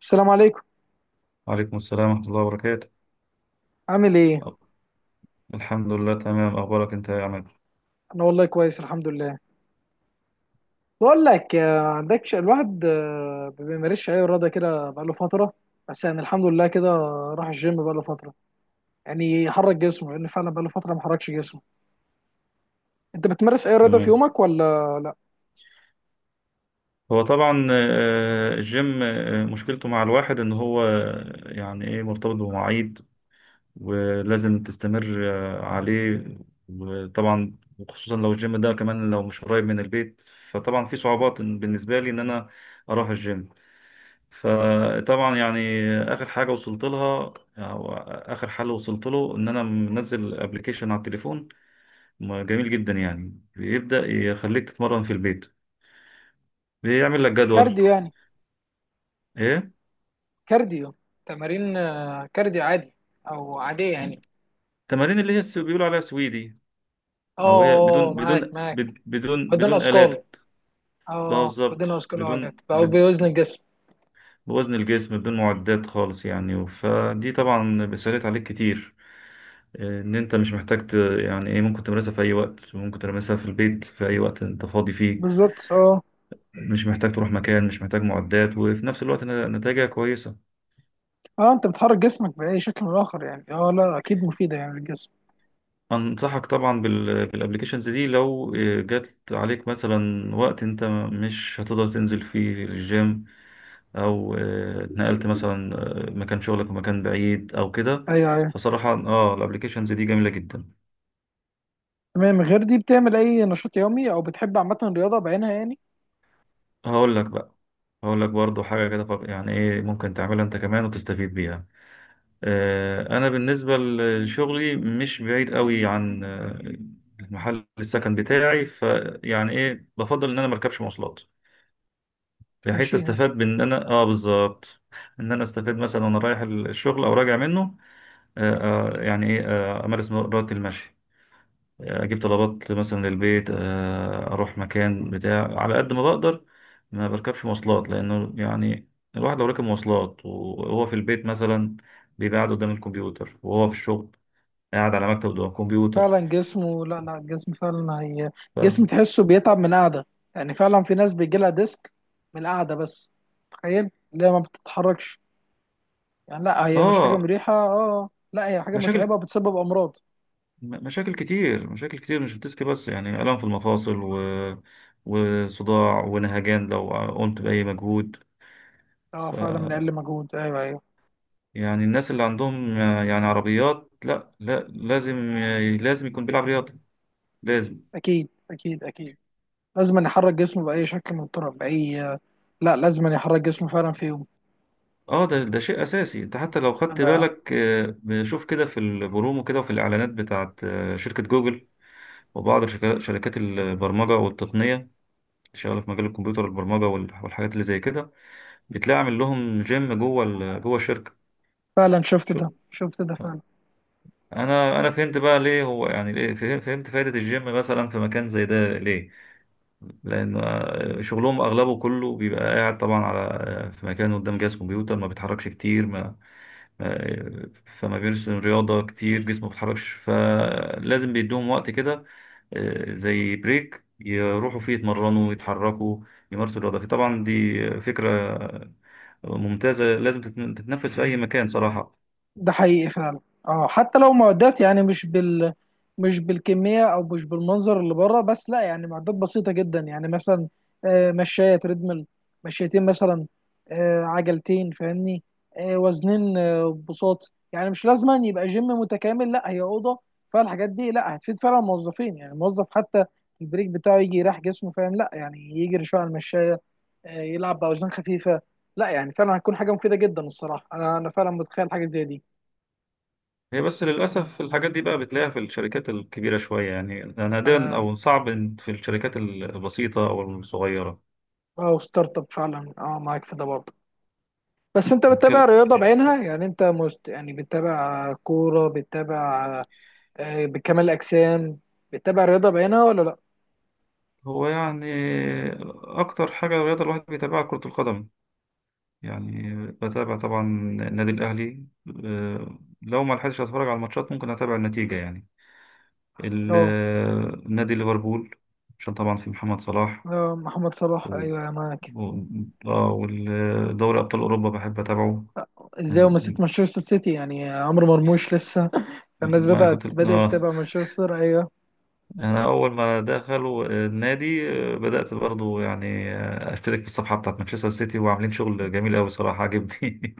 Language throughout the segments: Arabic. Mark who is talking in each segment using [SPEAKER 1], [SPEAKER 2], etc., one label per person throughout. [SPEAKER 1] السلام عليكم.
[SPEAKER 2] وعليكم السلام ورحمة الله وبركاته.
[SPEAKER 1] عامل ايه؟
[SPEAKER 2] الحمد لله، تمام. أخبارك أنت يا عماد؟
[SPEAKER 1] انا والله كويس، الحمد لله. بقول لك عندكش الواحد ما بيمارسش اي رياضه كده بقاله فتره. بس يعني الحمد لله كده. راح الجيم بقاله فتره، يعني يحرك جسمه، لان فعلا بقاله فتره ما حركش جسمه. انت بتمارس اي رياضه في
[SPEAKER 2] تمام.
[SPEAKER 1] يومك ولا لا؟
[SPEAKER 2] هو طبعا الجيم، مشكلته مع الواحد إن هو يعني إيه، مرتبط بمواعيد ولازم تستمر عليه. وطبعا، وخصوصا لو الجيم ده كمان لو مش قريب من البيت، فطبعا في صعوبات، بالنسبة لي إن أنا أروح الجيم. فطبعا يعني آخر حاجة وصلت لها، أو آخر حل وصلت له، إن أنا منزل أبلكيشن على التليفون ما جميل جدا. يعني بيبدأ يخليك تتمرن في البيت، بيعمل لك جدول.
[SPEAKER 1] كارديو يعني؟
[SPEAKER 2] ايه.
[SPEAKER 1] كارديو. تمارين كارديو عادي او عاديه يعني.
[SPEAKER 2] التمارين اللي هي بيقولوا عليها سويدي، او هي
[SPEAKER 1] اه،
[SPEAKER 2] بدون
[SPEAKER 1] معاك معاك. بدون اثقال.
[SPEAKER 2] آلات. ده
[SPEAKER 1] اه
[SPEAKER 2] بالظبط
[SPEAKER 1] بدون اثقال. اه لا،
[SPEAKER 2] بدون
[SPEAKER 1] بقى بوزن الجسم.
[SPEAKER 2] بوزن الجسم، بدون معدات خالص يعني، فدي طبعا بتسهلت عليك كتير. ان انت مش محتاج يعني ايه، ممكن تمارسها في اي وقت، ممكن تمارسها في البيت في اي وقت انت فاضي فيه.
[SPEAKER 1] بالظبط اه.
[SPEAKER 2] مش محتاج تروح مكان، مش محتاج معدات، وفي نفس الوقت نتائجها كويسة.
[SPEAKER 1] اه، انت بتحرك جسمك باي شكل من الاخر يعني. اه لا، اكيد مفيده يعني للجسم.
[SPEAKER 2] أنصحك طبعا بالابليكيشنز دي، لو جات عليك مثلا وقت أنت مش هتقدر تنزل فيه الجيم، أو اتنقلت مثلا مكان شغلك، ومكان بعيد أو كده.
[SPEAKER 1] ايوه ايوه.
[SPEAKER 2] فصراحة الابليكيشنز دي جميلة جدا.
[SPEAKER 1] تمام. غير دي بتعمل اي نشاط يومي، او بتحب عامه الرياضه بعينها يعني؟
[SPEAKER 2] هقول لك بقى، هقول لك برضو حاجة كده. طب يعني ايه، ممكن تعملها أنت كمان وتستفيد بيها. أنا بالنسبة لشغلي مش بعيد قوي عن محل السكن بتاعي، فيعني ايه، بفضل إن أنا مركبش مواصلات، بحيث
[SPEAKER 1] تمشيها.
[SPEAKER 2] استفاد بان انا بالظبط، ان انا استفاد مثلا وانا رايح الشغل او راجع منه. آه يعني ايه، امارس رياضه المشي، اجيب طلبات مثلا للبيت، اروح مكان بتاع على قد ما بقدر ما بركبش مواصلات. لانه يعني الواحد لو ركب مواصلات وهو في البيت مثلا بيبقى قاعد قدام الكمبيوتر، وهو في الشغل قاعد على مكتب قدام الكمبيوتر.
[SPEAKER 1] فعلا جسمه، لا لا، الجسم فعلا هي
[SPEAKER 2] ف...
[SPEAKER 1] جسم تحسه بيتعب من القعده. يعني فعلا في ناس بيجي لها ديسك من القعده بس. تخيل اللي هي ما بتتحركش. يعني لا، هي مش حاجه
[SPEAKER 2] اه،
[SPEAKER 1] مريحه. اه اه. لا هي حاجه
[SPEAKER 2] مشاكل.
[SPEAKER 1] متعبه، بتسبب امراض.
[SPEAKER 2] مشاكل كتير، مشاكل كتير، مش الديسك بس، يعني آلام في المفاصل وصداع ونهجان لو قمت بأي مجهود.
[SPEAKER 1] اه
[SPEAKER 2] ف
[SPEAKER 1] فعلا، من اقل مجهود، ايوه ايوه.
[SPEAKER 2] يعني الناس اللي عندهم يعني عربيات، لا لا، لازم لازم يكون بيلعب رياضة، لازم.
[SPEAKER 1] اكيد اكيد اكيد. لازم نحرك جسمه باي شكل من الطرق، لا لازم أن يحرك جسمه فعلا في يوم.
[SPEAKER 2] اه ده شيء اساسي. انت حتى لو خدت
[SPEAKER 1] أنا
[SPEAKER 2] بالك، بنشوف كده في البرومو كده، وفي الاعلانات بتاعت شركة جوجل، وبعض شركات البرمجة والتقنية اللي شغالة في مجال الكمبيوتر والبرمجة والحاجات اللي زي كده، بتلاقي عامل لهم جيم جوه جوه الشركة.
[SPEAKER 1] فعلا شفت
[SPEAKER 2] شو
[SPEAKER 1] ده شفت ده فعلا.
[SPEAKER 2] انا فهمت بقى ليه هو، يعني ليه فهمت فايدة الجيم مثلا في مكان زي ده، ليه؟ لان شغلهم اغلبه كله بيبقى قاعد طبعا على في مكان قدام جهاز كمبيوتر، ما بيتحركش كتير، ما- فما بيرسم رياضة كتير، جسمه ما بيتحركش، فلازم بيدوهم وقت كده، زي بريك يروحوا فيه يتمرنوا، يتحركوا، يمارسوا الرياضة. فطبعا دي فكرة ممتازة، لازم تتنفذ في اي مكان صراحة.
[SPEAKER 1] ده حقيقي فعلا. اه حتى لو معدات، يعني مش بالكمية أو مش بالمنظر اللي بره، بس لا يعني معدات بسيطة جدا يعني. مثلا مشاية تريدميل، مشيتين مثلا، عجلتين، فاهمني، وزنين، بساط. يعني مش لازم أن يبقى جيم متكامل، لا هي أوضة. فالحاجات دي لا هتفيد فعلا الموظفين. يعني الموظف حتى البريك بتاعه يجي يريح جسمه، فاهم؟ لا يعني يجري شوية على المشاية، يلعب باوزان خفيفه. لا يعني فعلا هتكون حاجه مفيده جدا الصراحه. انا فعلا متخيل حاجه زي دي.
[SPEAKER 2] هي بس للأسف الحاجات دي بقى بتلاقيها في الشركات الكبيرة شوية، يعني نادرا،
[SPEAKER 1] اه.
[SPEAKER 2] أو صعب إن في الشركات البسيطة أو الصغيرة.
[SPEAKER 1] أو ستارت اب، فعلا اه معاك في ده برضه. بس انت بتتابع
[SPEAKER 2] هتكلم
[SPEAKER 1] رياضه بعينها يعني؟ انت يعني بتتابع كوره، بتتابع بكمال الاجسام؟ بتتابع رياضه بعينها ولا لا؟
[SPEAKER 2] هو يعني أكتر حاجة الرياضة الواحد بيتابعها كرة القدم، يعني بتابع طبعا النادي الأهلي. لو ما لحقتش أتفرج على الماتشات ممكن أتابع النتيجة. يعني
[SPEAKER 1] اه.
[SPEAKER 2] نادي ليفربول، عشان طبعا في محمد صلاح،
[SPEAKER 1] محمد صلاح،
[SPEAKER 2] و...
[SPEAKER 1] ايوه يا معاك.
[SPEAKER 2] و... والدوري أبطال أوروبا بحب أتابعه.
[SPEAKER 1] ازاي وما نسيت
[SPEAKER 2] من-
[SPEAKER 1] مانشستر سيتي، يعني عمرو مرموش لسه. فالناس
[SPEAKER 2] ما
[SPEAKER 1] بدات
[SPEAKER 2] كنت
[SPEAKER 1] بدات تتابع مانشستر، ايوه.
[SPEAKER 2] انا اول ما دخلوا النادي بدات برضو يعني اشترك في الصفحه بتاعت مانشستر سيتي، وعاملين شغل جميل قوي، صراحه عجبني.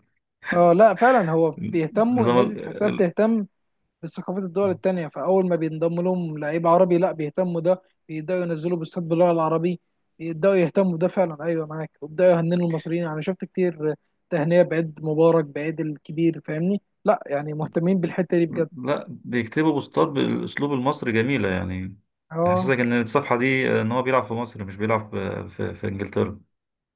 [SPEAKER 1] اه لا، فعلا هو بيهتموا،
[SPEAKER 2] نظام
[SPEAKER 1] الناس دي
[SPEAKER 2] ال...
[SPEAKER 1] تحسها
[SPEAKER 2] ال-
[SPEAKER 1] بتهتم ثقافات الدول التانية. فأول ما بينضم لهم لعيب عربي، لا بيهتموا ده، بيبدأوا ينزلوا بوستات باللغة العربية، يبدأوا يهتموا بده فعلا. أيوه معاك. وبدأوا يهننوا المصريين، أنا شفت كتير تهنئة بعيد مبارك، بعيد الكبير. فاهمني، لا يعني مهتمين بالحتة دي بجد.
[SPEAKER 2] لا، بيكتبوا بوستات بالاسلوب المصري جميله يعني،
[SPEAKER 1] اه
[SPEAKER 2] تحسسك ان الصفحه دي ان هو بيلعب في مصر مش بيلعب في انجلترا.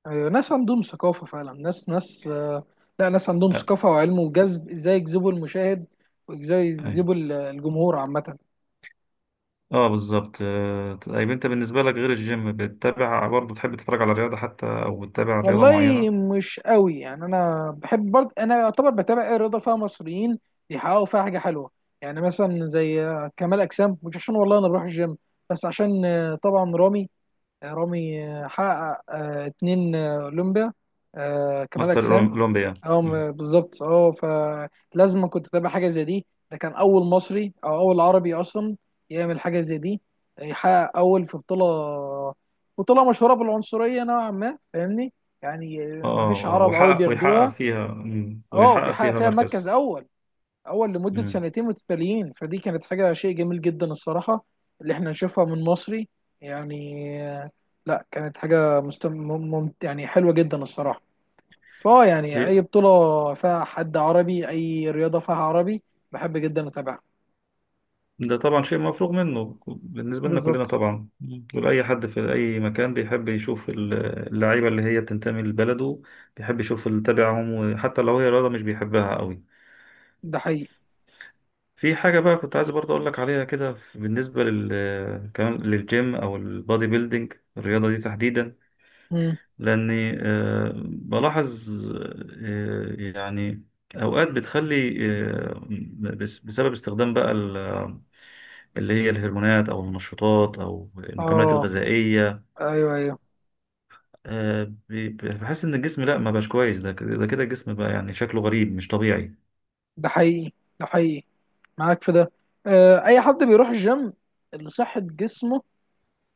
[SPEAKER 1] أيوه، ناس عندهم ثقافة فعلا. ناس ناس لا، ناس عندهم
[SPEAKER 2] اه،
[SPEAKER 1] ثقافة وعلم وجذب، ازاي يجذبوا المشاهد وازاي
[SPEAKER 2] أيوة.
[SPEAKER 1] يجذبوا الجمهور عامة.
[SPEAKER 2] بالظبط. طيب انت بالنسبه لك، غير الجيم، بتتابع برضو، تحب تتفرج على رياضه حتى، او بتتابع رياضه
[SPEAKER 1] والله
[SPEAKER 2] معينه؟
[SPEAKER 1] مش قوي يعني. انا بحب برضه، انا يعتبر بتابع ايه، رضا فيها مصريين بيحققوا فيها حاجه حلوه. يعني مثلا زي كمال اجسام. مش عشان والله انا بروح الجيم، بس عشان طبعا رامي، رامي حقق 2 اولمبيا، كمال
[SPEAKER 2] ماستر
[SPEAKER 1] اجسام.
[SPEAKER 2] اولمبيا.
[SPEAKER 1] اه بالظبط اه. فلازم كنت اتابع حاجه زي دي. ده كان اول مصري او اول عربي اصلا يعمل حاجه زي دي، يحقق اول في بطوله. بطوله مشهوره بالعنصريه نوعا ما، فاهمني. يعني ما فيش
[SPEAKER 2] اه، اه،
[SPEAKER 1] عرب قوي
[SPEAKER 2] ويحقق
[SPEAKER 1] بياخدوها.
[SPEAKER 2] فيها
[SPEAKER 1] اه،
[SPEAKER 2] ويحقق
[SPEAKER 1] بيحقق
[SPEAKER 2] فيها
[SPEAKER 1] فيها مركز
[SPEAKER 2] مركز.
[SPEAKER 1] اول، اول لمده
[SPEAKER 2] مم.
[SPEAKER 1] سنتين متتاليين. فدي كانت حاجه، شيء جميل جدا الصراحه اللي احنا نشوفها من مصري يعني. لا كانت حاجه يعني حلوه جدا الصراحه. فاه يعني اي بطولة فيها حد عربي، اي رياضة فيها عربي، بحب جدا اتابعها.
[SPEAKER 2] ده طبعا شيء مفروغ منه بالنسبة لنا كلنا
[SPEAKER 1] بالظبط.
[SPEAKER 2] طبعا. مم. دول أي حد في أي مكان بيحب يشوف اللعيبة اللي هي بتنتمي لبلده، بيحب يشوف اللي تبعهم، وحتى لو هي رياضة مش بيحبها قوي.
[SPEAKER 1] ده حقيقي.
[SPEAKER 2] في حاجة بقى كنت عايز برضه أقول لك عليها كده، بالنسبة لل كمان للجيم أو البادي بيلدينج، الرياضة دي تحديدا.
[SPEAKER 1] مم.
[SPEAKER 2] لأني بلاحظ، يعني أوقات بتخلي آه، بسبب استخدام بقى اللي هي الهرمونات، أو المنشطات، أو المكملات
[SPEAKER 1] اه
[SPEAKER 2] الغذائية،
[SPEAKER 1] ايوه ايوه.
[SPEAKER 2] آه، بحس إن الجسم لأ، ما بقاش كويس. ده كده، ده كده، الجسم بقى يعني شكله غريب، مش طبيعي.
[SPEAKER 1] ده حقيقي ده حقيقي، معاك في ده. آه اي حد بيروح الجيم لصحة جسمه،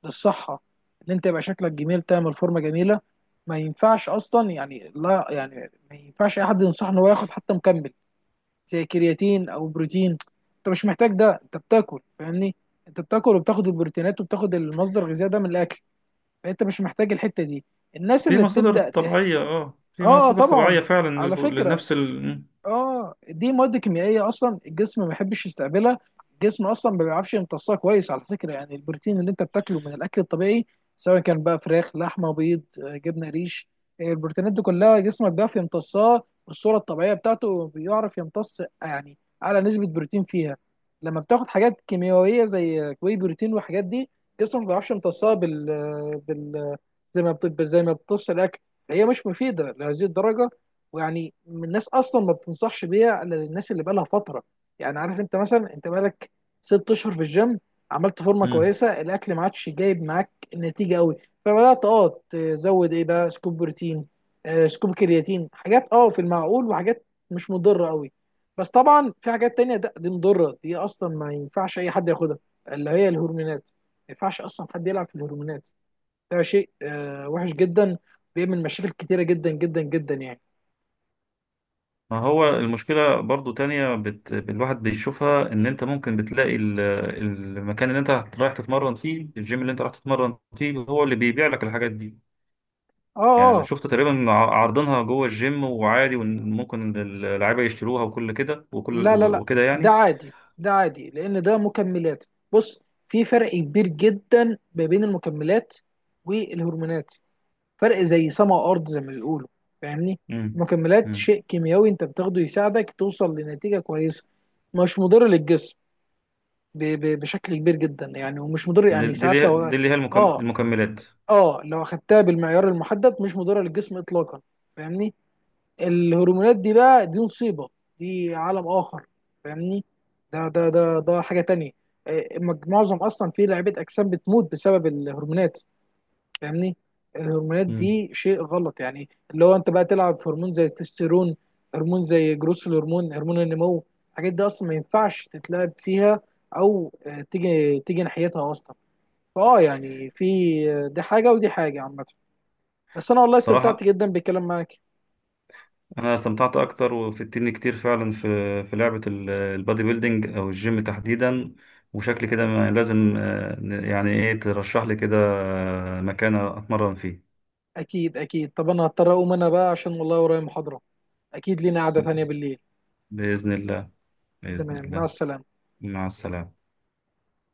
[SPEAKER 1] للصحة، ان انت يبقى شكلك جميل، تعمل فورمة جميلة. ما ينفعش اصلا يعني، لا يعني ما ينفعش اي حد ينصح ان هو ياخد حتى مكمل، زي كرياتين او بروتين. انت مش محتاج ده، انت بتاكل فاهمني. انت بتاكل وبتاخد البروتينات وبتاخد المصدر الغذائي ده من الاكل، فانت مش محتاج الحته دي. الناس
[SPEAKER 2] في
[SPEAKER 1] اللي
[SPEAKER 2] مصادر
[SPEAKER 1] بتبدا
[SPEAKER 2] طبيعية، في
[SPEAKER 1] اه
[SPEAKER 2] مصادر
[SPEAKER 1] طبعا،
[SPEAKER 2] طبيعية فعلا
[SPEAKER 1] على فكره.
[SPEAKER 2] لنفس ال...
[SPEAKER 1] اه دي مواد كيميائيه اصلا الجسم ما بيحبش يستقبلها. الجسم اصلا ما بيعرفش يمتصها كويس، على فكره. يعني البروتين اللي انت بتاكله من الاكل الطبيعي، سواء كان بقى فراخ، لحمه، بيض، جبنه، ريش، البروتينات دي كلها جسمك بيعرف يمتصها بالصوره الطبيعيه بتاعته، بيعرف يمتص يعني اعلى نسبه بروتين فيها. لما بتاخد حاجات كيميائيه زي واي بروتين والحاجات دي، جسمك ما بيعرفش يمتصها بال آه، بال آه، زي ما زي ما بتمتص الاكل. هي مش مفيده لهذه الدرجه. ويعني من الناس اصلا ما بتنصحش بيها الا للناس اللي بقالها فتره. يعني عارف، انت مثلا انت بقالك 6 اشهر في الجيم، عملت فورمه
[SPEAKER 2] مم.
[SPEAKER 1] كويسه، الاكل ما عادش جايب معاك النتيجه قوي، فبدات اه تزود ايه بقى، سكوب بروتين، سكوب كرياتين، حاجات اه في المعقول، وحاجات مش مضره قوي. بس طبعا في حاجات تانية، ده دي مضره، دي اصلا ما ينفعش اي حد ياخدها، اللي هي الهرمونات. ما ينفعش اصلا حد يلعب في الهرمونات. ده شيء وحش جدا، بيعمل مشاكل كتيره جدا جدا جدا يعني.
[SPEAKER 2] ما هو المشكلة برضو تانية الواحد بيشوفها إن أنت ممكن بتلاقي المكان اللي أنت رايح تتمرن فيه، الجيم اللي أنت رايح تتمرن فيه، هو اللي بيبيع لك الحاجات دي.
[SPEAKER 1] اه
[SPEAKER 2] يعني أنا
[SPEAKER 1] اه،
[SPEAKER 2] شفت تقريبا عارضينها جوه الجيم وعادي، وممكن اللعيبة يشتروها وكل كده، وكل
[SPEAKER 1] لا لا لا،
[SPEAKER 2] وكده
[SPEAKER 1] ده
[SPEAKER 2] يعني.
[SPEAKER 1] عادي ده عادي، لان ده مكملات. بص، في فرق كبير جدا ما بين المكملات والهرمونات. فرق زي سما وارض، زي ما بيقولوا، فاهمني.
[SPEAKER 2] امم.
[SPEAKER 1] المكملات
[SPEAKER 2] امم.
[SPEAKER 1] شيء كيميائي انت بتاخده يساعدك توصل لنتيجة كويسة، مش مضر للجسم ب ب بشكل كبير جدا يعني. ومش مضر
[SPEAKER 2] دي
[SPEAKER 1] يعني، ساعات لو
[SPEAKER 2] اللي هي
[SPEAKER 1] اه
[SPEAKER 2] المكملات.
[SPEAKER 1] اه لو اخدتها بالمعيار المحدد، مش مضرة للجسم اطلاقا، فاهمني. الهرمونات دي بقى، دي مصيبه، دي عالم اخر، فاهمني. ده حاجه تانية. معظم اصلا في لعيبه اجسام بتموت بسبب الهرمونات، فاهمني. الهرمونات
[SPEAKER 2] امم.
[SPEAKER 1] دي شيء غلط، يعني اللي هو انت بقى تلعب في هرمون زي التستيرون، هرمون زي جروس الهرمون، هرمون النمو. الحاجات دي اصلا ما ينفعش تتلعب فيها، او تيجي ناحيتها اصلا. فاه يعني في دي حاجه، ودي حاجه عامه. بس انا والله استمتعت
[SPEAKER 2] الصراحة،
[SPEAKER 1] جدا بالكلام معاك.
[SPEAKER 2] انا استمتعت اكتر وفدتني كتير فعلا في لعبه البادي بيلدينج او الجيم تحديدا. وشكل كده لازم يعني ايه، ترشح لي كده مكان اتمرن فيه.
[SPEAKER 1] اكيد اكيد، طب انا هضطر اقوم انا بقى عشان والله ورايا محاضرة. اكيد لينا قعدة تانية بالليل.
[SPEAKER 2] باذن الله. باذن
[SPEAKER 1] تمام، مع
[SPEAKER 2] الله.
[SPEAKER 1] السلامة.
[SPEAKER 2] مع السلامه.